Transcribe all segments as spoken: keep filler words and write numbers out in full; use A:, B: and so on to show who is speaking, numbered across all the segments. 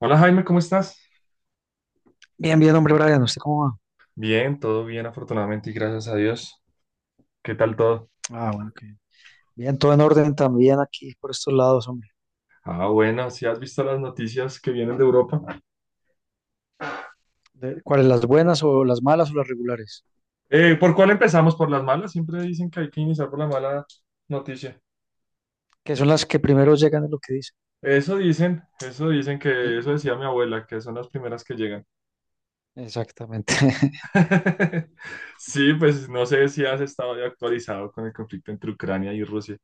A: Hola Jaime, ¿cómo estás?
B: Bien, bien, hombre, Brian, ¿usted cómo va?
A: Bien, todo bien, afortunadamente y gracias a Dios. ¿Qué tal todo?
B: Ah, bueno. que Bien, todo en orden también aquí por estos lados, hombre.
A: Ah, bueno, si has visto las noticias que vienen de Europa.
B: De- ¿Cuáles, las buenas o las malas o las regulares?
A: Eh, ¿por cuál empezamos? ¿Por las malas? Siempre dicen que hay que iniciar por la mala noticia.
B: Que son las que primero llegan, es lo que dice.
A: Eso dicen, eso dicen que eso decía mi abuela, que son las primeras que llegan.
B: Exactamente.
A: Sí, pues no sé si has estado ya actualizado con el conflicto entre Ucrania y Rusia.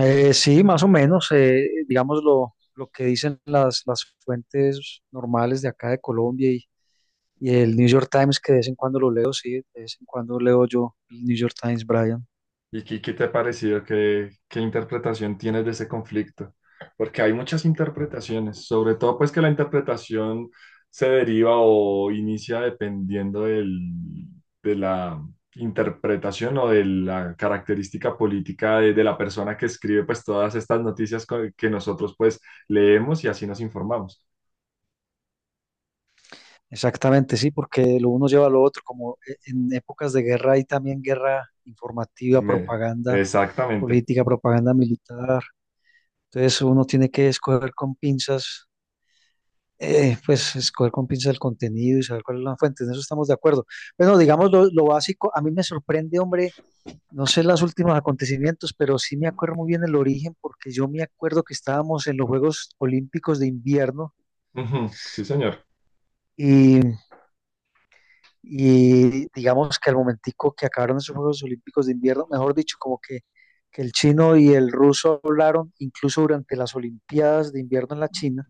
B: Eh, sí, más o menos. Eh, digamos lo, lo que dicen las, las fuentes normales de acá de Colombia y, y el New York Times, que de vez en cuando lo leo, sí, de vez en cuando leo yo el New York Times, Brian.
A: ¿Y qué, qué te ha parecido? ¿Qué, qué interpretación tienes de ese conflicto? Porque hay muchas interpretaciones, sobre todo pues que la interpretación se deriva o inicia dependiendo del- de la interpretación o de la característica política de, de la persona que escribe pues todas estas noticias co- que nosotros pues leemos y así nos informamos.
B: Exactamente, sí, porque lo uno lleva a lo otro, como e- en épocas de guerra hay también guerra informativa,
A: Me-
B: propaganda
A: Exactamente.
B: política, propaganda militar. Entonces uno tiene que escoger con pinzas, eh, pues escoger con pinzas el contenido y saber cuál es la fuente. En eso estamos de acuerdo. Bueno, digamos lo, lo básico. A mí me sorprende, hombre, no sé los últimos acontecimientos, pero sí me acuerdo muy bien el origen, porque yo me acuerdo que estábamos en los Juegos Olímpicos de invierno.
A: Ujú, sí, señor.
B: y Y digamos que al momentico que acabaron esos Juegos Olímpicos de invierno, mejor dicho, como que, que el chino y el ruso hablaron incluso durante las Olimpiadas de invierno en la China,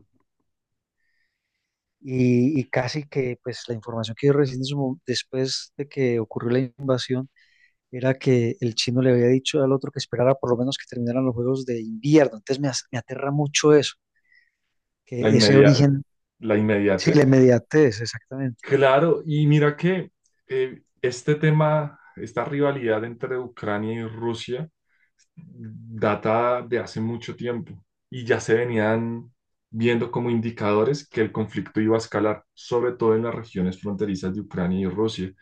B: y, y casi que pues la información que yo recibí en su mo- después de que ocurrió la invasión era que el chino le había dicho al otro que esperara por lo menos que terminaran los Juegos de invierno. Entonces, me, as- me aterra mucho eso,
A: La
B: que ese
A: inmedia-
B: origen.
A: la
B: Sí, la
A: inmediatez.
B: inmediatez, exactamente.
A: Claro, y mira que eh, este tema, esta rivalidad entre Ucrania y Rusia data de hace mucho tiempo y ya se venían viendo como indicadores que el conflicto iba a escalar, sobre todo en las regiones fronterizas de Ucrania y Rusia.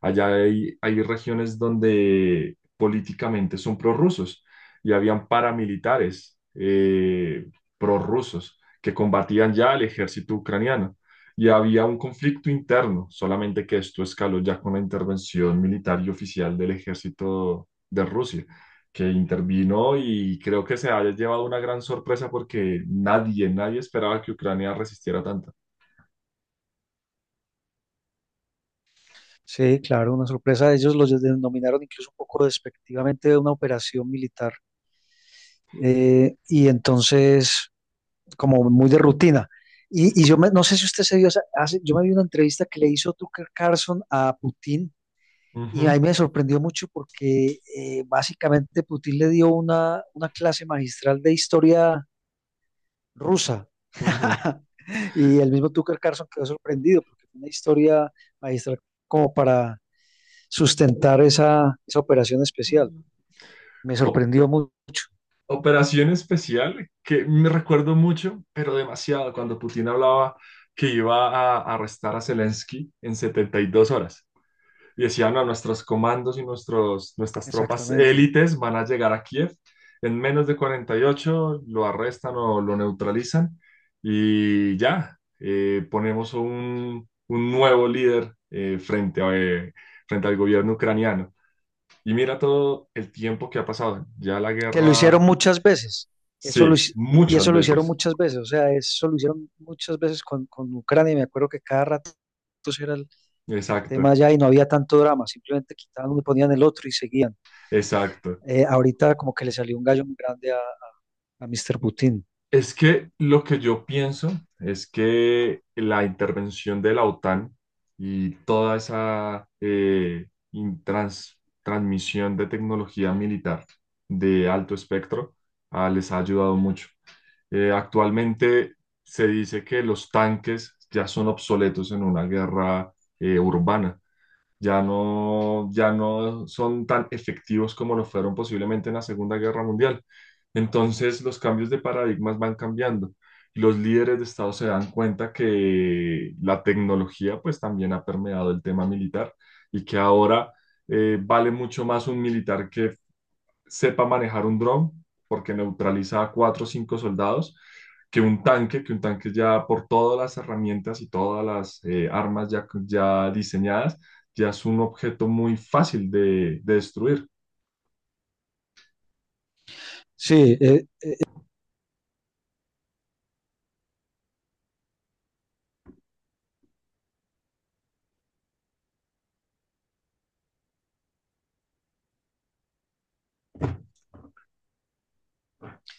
A: Allá hay, hay regiones donde políticamente son prorrusos y habían paramilitares eh, prorrusos que combatían ya al ejército ucraniano. Y había un conflicto interno, solamente que esto escaló ya con la intervención militar y oficial del ejército de Rusia que intervino, y creo que se haya llevado una gran sorpresa porque nadie, nadie esperaba que Ucrania resistiera tanto.
B: Sí, claro, una sorpresa. Ellos los denominaron incluso un poco despectivamente de una operación militar. Eh, y entonces, como muy de rutina. Y, y yo me- no sé si usted se vio, esa- hace- yo me vi una entrevista que le hizo Tucker Carlson a Putin, y
A: Ujú,
B: ahí me sorprendió mucho porque, eh, básicamente, Putin le dio una, una clase magistral de historia rusa.
A: ujú.
B: Y el mismo Tucker Carlson quedó sorprendido porque fue una historia magistral como para sustentar esa, esa operación especial.
A: Mm.
B: Me
A: O-
B: sorprendió mucho,
A: Operación especial que me recuerdo mucho, pero demasiado, cuando Putin hablaba que iba a arrestar a Zelensky en setenta y dos horas. Y decían, no, nuestros comandos y nuestros, nuestras tropas
B: exactamente.
A: élites van a llegar a Kiev. En menos de cuarenta y ocho lo arrestan o lo neutralizan y ya, eh, ponemos un, un nuevo líder eh, frente, a, eh, frente al gobierno ucraniano. Y mira todo el tiempo que ha pasado. Ya la
B: Que lo hicieron
A: guerra,
B: muchas veces. Eso lo,
A: sí,
B: hic- y
A: muchas
B: eso lo hicieron
A: veces.
B: muchas veces, o sea, eso lo hicieron muchas veces con, con Ucrania. Y me acuerdo que cada rato era el, el tema
A: Exacto,
B: allá, y no había tanto drama, simplemente quitaban uno y ponían el otro y seguían.
A: exacto.
B: Eh, ahorita como que le salió un gallo muy grande a, a mister Putin.
A: Es que lo que yo pienso es que la intervención de la OTAN y toda esa eh, in- trans- transmisión de tecnología militar de alto espectro, ah, les ha ayudado mucho. Eh, actualmente se dice que los tanques ya son obsoletos en una guerra eh, urbana. Ya no, ya no son tan efectivos como lo fueron posiblemente en la Segunda Guerra Mundial. Entonces, los cambios de paradigmas van cambiando. Y los líderes de Estado se dan cuenta que la tecnología pues también ha permeado el tema militar, y que ahora eh, vale mucho más un militar que sepa manejar un dron, porque neutraliza a cuatro o cinco soldados, que un tanque, que un tanque, ya por todas las herramientas y todas las eh, armas ya, ya diseñadas, ya es un objeto muy fácil de, de destruir.
B: Sí, eh,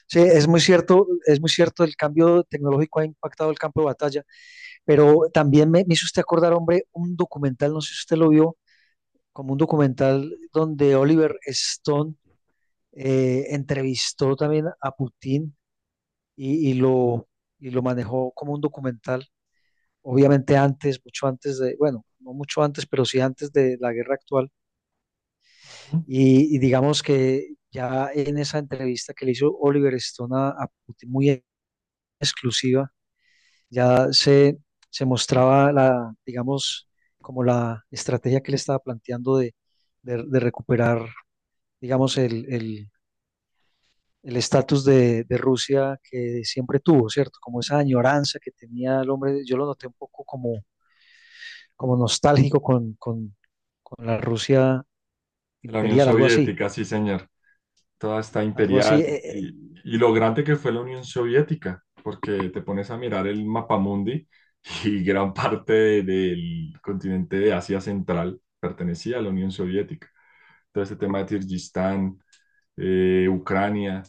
B: sí, es muy cierto, es muy cierto, el cambio tecnológico ha impactado el campo de batalla. Pero también me, me hizo usted acordar, hombre, un documental, no sé si usted lo vio, como un documental donde Oliver Stone, eh, entrevistó también a Putin y, y lo, y lo manejó como un documental, obviamente antes, mucho antes de, bueno, no mucho antes, pero sí antes de la guerra actual.
A: Ujú.
B: Y, y digamos que ya en esa entrevista que le hizo Oliver Stone a, a Putin, muy exclusiva, ya se, se mostraba la, digamos, como la estrategia que él estaba planteando de, de- de recuperar, digamos, el, el- el estatus de, de Rusia que siempre tuvo, ¿cierto? Como esa añoranza que tenía el hombre, yo lo noté un poco como, como nostálgico con, con, con la Rusia
A: La Unión
B: imperial, algo así,
A: Soviética, sí, señor, toda está
B: algo así.
A: imperial
B: eh, eh,
A: y, y lo grande que fue la Unión Soviética, porque te pones a mirar el mapamundi y gran parte de- del continente de Asia Central pertenecía a la Unión Soviética. Todo este tema de Kirguistán, eh, Ucrania,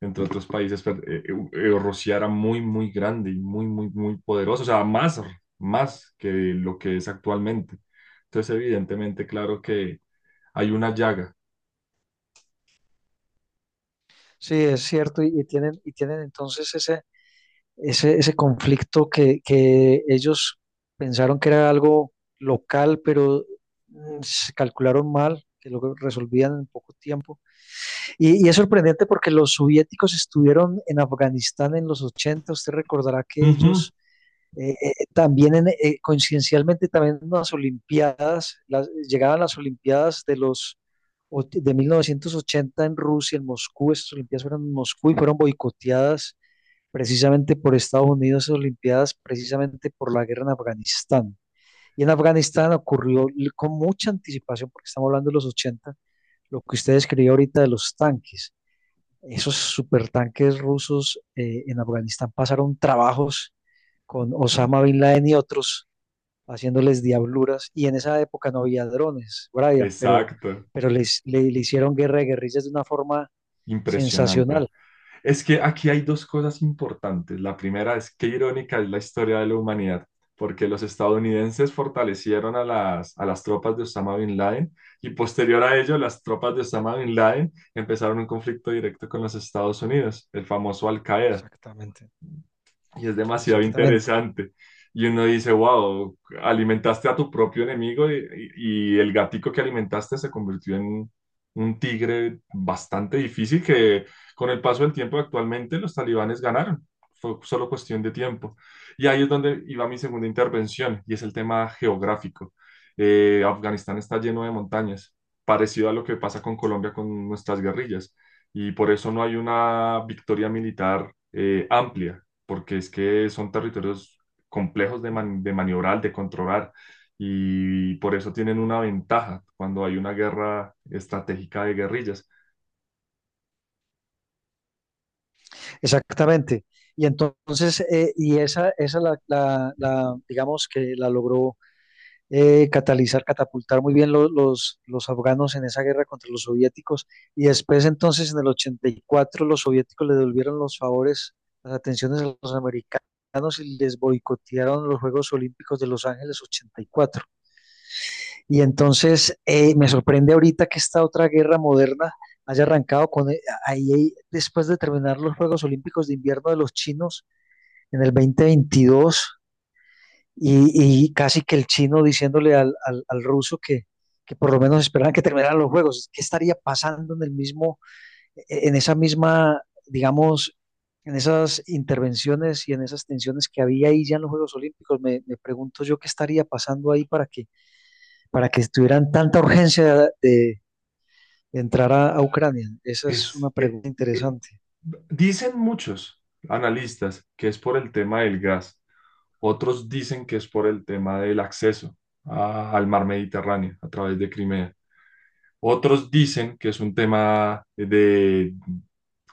A: entre otros países, pero, eh, eh, Rusia era muy, muy grande y muy, muy, muy poderoso, o sea, más, más que lo que es actualmente. Entonces, evidentemente, claro que hay una llaga.
B: Sí, es cierto, y, y tienen, y tienen entonces ese ese, ese conflicto que, que ellos pensaron que era algo local, pero mm, se calcularon mal, que lo resolvían en poco tiempo. Y, y es sorprendente porque los soviéticos estuvieron en Afganistán en los ochenta. Usted recordará que
A: Ujú.
B: ellos... eh, eh, también en, eh, coincidencialmente también en las Olimpiadas, las- llegaban las Olimpiadas de los och- de mil novecientos ochenta en Rusia, en Moscú. Estas Olimpiadas fueron en Moscú y fueron boicoteadas precisamente por Estados Unidos en las Olimpiadas, precisamente por la guerra en Afganistán. Y en Afganistán ocurrió l- con mucha anticipación, porque estamos hablando de los ochenta, lo que usted describió ahorita de los tanques. Esos supertanques rusos, eh, en Afganistán, pasaron trabajos con Osama Bin Laden y otros, haciéndoles diabluras. Y en esa época no había drones, Brian, pero
A: Exacto,
B: pero les, le, le hicieron guerra de guerrillas de una forma
A: impresionante.
B: sensacional.
A: Es que aquí hay dos cosas importantes. La primera es qué irónica es la historia de la humanidad, porque los estadounidenses fortalecieron a las, a las tropas de Osama Bin Laden, y posterior a ello las tropas de Osama Bin Laden empezaron un conflicto directo con los Estados Unidos, el famoso Al Qaeda,
B: Exactamente,
A: y es demasiado
B: exactamente.
A: interesante. Y uno dice, wow, alimentaste a tu propio enemigo, y, y- y el gatico que alimentaste se convirtió en un tigre bastante difícil, que con el paso del tiempo actualmente los talibanes ganaron. Fue solo cuestión de tiempo. Y ahí es donde iba mi segunda intervención, y es el tema geográfico. Eh, Afganistán está lleno de montañas, parecido a lo que pasa con Colombia con nuestras guerrillas. Y por eso no hay una victoria militar eh, amplia, porque es que son territorios complejos de, man- de maniobrar, de controlar, y por eso tienen una ventaja cuando hay una guerra estratégica de guerrillas.
B: Exactamente. Y entonces, eh, y esa, esa la, la- la, digamos que la logró eh, catalizar, catapultar muy bien lo- los, los afganos en esa guerra contra los soviéticos. Y después, entonces, en el ochenta y cuatro, los soviéticos le devolvieron los favores, las atenciones a los americanos, y les boicotearon los Juegos Olímpicos de Los Ángeles ochenta y cuatro. Y entonces, eh, me sorprende ahorita que esta otra guerra moderna haya arrancado con eh, ahí, ahí, después de terminar los Juegos Olímpicos de Invierno de los chinos en el dos mil veintidós, y, y casi que el chino diciéndole al, al, al ruso que, que por lo menos esperaban que terminaran los juegos. ¿Qué estaría pasando en el mismo, e, en esa misma, digamos, en esas intervenciones y en esas tensiones que había ahí ya en los Juegos Olímpicos? Me, me pregunto yo qué estaría pasando ahí para que para que tuvieran tanta urgencia de, de entrar a, a, Ucrania. Esa es una
A: Es, eh,
B: pregunta
A: eh,
B: interesante.
A: Dicen muchos analistas que es por el tema del gas, otros dicen que es por el tema del acceso a- al mar Mediterráneo a través de Crimea. Otros dicen que es un tema de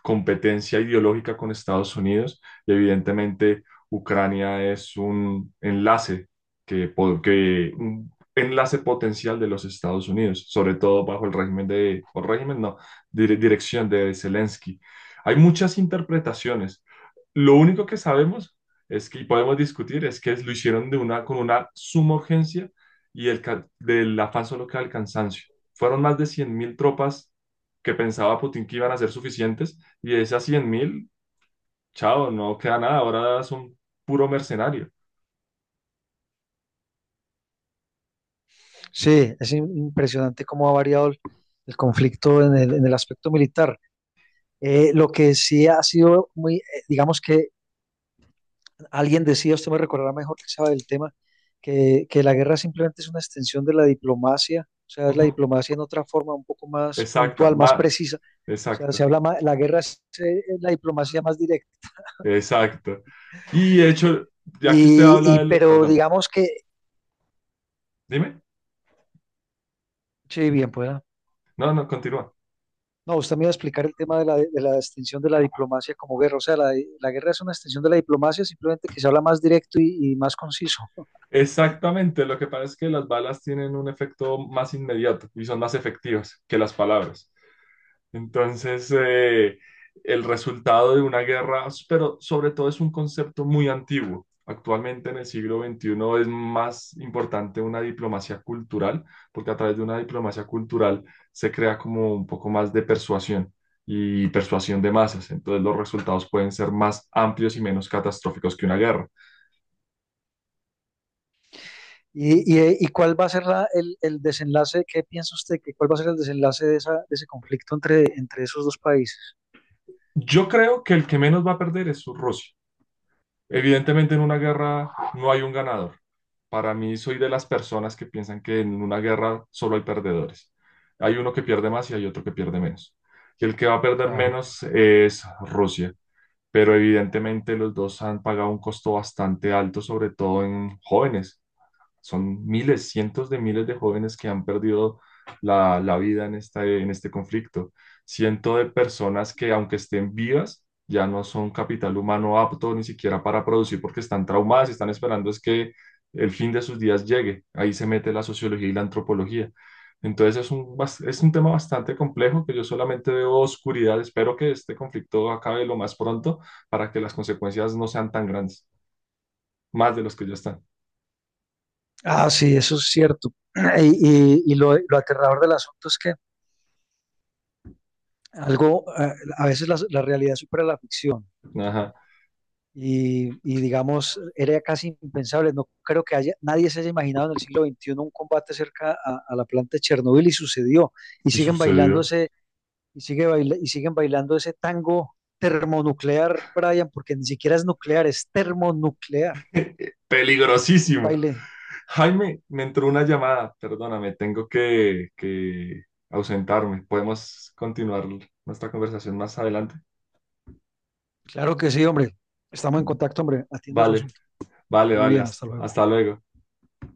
A: competencia ideológica con Estados Unidos, y evidentemente Ucrania es un enlace que, po- que un enlace potencial de los Estados Unidos, sobre todo bajo el régimen de, o régimen no, dire- dirección de Zelensky. Hay muchas interpretaciones. Lo único que sabemos es que, y podemos discutir, es que lo hicieron de una, con una suma urgencia, y el ca- del afán solo queda el cansancio. Fueron más de cien mil tropas que pensaba Putin que iban a ser suficientes, y de esas cien mil, chao, no queda nada. Ahora son puro mercenario.
B: Sí, es in- impresionante cómo ha variado el, el conflicto en el, en el aspecto militar. Eh, lo que sí ha sido muy, eh, digamos que alguien decía, usted me recordará mejor que sabe del tema, que, que la guerra simplemente es una extensión de la diplomacia, o sea, es la
A: Ujú,
B: diplomacia en otra forma un poco más
A: exacta,
B: puntual, más
A: ma-
B: precisa. O sea, se
A: exacta,
B: habla más, la guerra es, eh, la diplomacia más directa.
A: exacta. Y de hecho, ya que usted
B: Y,
A: habla
B: y,
A: de los.
B: pero
A: Perdón,
B: digamos que.
A: dime.
B: Sí, bien pueda.
A: No, no, continúa.
B: No, usted me iba a explicar el tema de la, de la extinción de la diplomacia como guerra. O sea, la, la guerra es una extinción de la diplomacia, simplemente que se habla más directo y, y más conciso.
A: Exactamente, lo que pasa es que las balas tienen un efecto más inmediato y son más efectivas que las palabras. Entonces, eh, el resultado de una guerra, pero sobre todo es un concepto muy antiguo. Actualmente en el siglo veintiuno es más importante una diplomacia cultural, porque a través de una diplomacia cultural se crea como un poco más de persuasión y persuasión de masas. Entonces los resultados pueden ser más amplios y menos catastróficos que una guerra.
B: ¿Y, y, y cuál va a ser la- el, el desenlace? ¿Qué piensa usted, que cuál va a ser el desenlace de, esa, de ese conflicto entre, entre esos dos países?
A: Yo creo que el que menos va a perder es Rusia. Evidentemente en una guerra no hay un ganador. Para mí, soy de las personas que piensan que en una guerra solo hay perdedores. Hay uno que pierde más y hay otro que pierde menos. Y el que va a perder
B: Claro.
A: menos es Rusia. Pero evidentemente los dos han pagado un costo bastante alto, sobre todo en jóvenes. Son miles, cientos de miles de jóvenes que han perdido la, la vida en esta- en este conflicto. Cientos de personas que, aunque estén vivas, ya no son capital humano apto ni siquiera para producir porque están traumadas y están esperando es que el fin de sus días llegue. Ahí se mete la sociología y la antropología. Entonces es un, bas- es un tema bastante complejo, que yo solamente veo oscuridad. Espero que este conflicto acabe lo más pronto para que las consecuencias no sean tan grandes, más de los que ya están.
B: Ah, sí, eso es cierto. Y, y- y lo, lo aterrador del asunto es que algo, eh, a veces la, la realidad supera la ficción.
A: Ajá.
B: Y, y, digamos, era casi impensable. No creo que haya, nadie se haya imaginado en el siglo veintiuno un combate cerca a, a la planta de Chernobyl, y sucedió. Y
A: Y
B: siguen bailando
A: sucedió.
B: ese y, sigue baila, y siguen bailando ese tango termonuclear, Brian, porque ni siquiera es nuclear, es termonuclear. Un
A: Peligrosísimo.
B: baile.
A: Jaime, me entró una llamada. Perdóname, tengo que, que ausentarme. Podemos continuar nuestra conversación más adelante.
B: Claro que sí, hombre. Estamos en contacto, hombre. Atienda su
A: Vale,
B: asunto. Que
A: vale,
B: esté muy
A: vale.
B: bien. Hasta
A: hasta
B: luego.
A: hasta luego.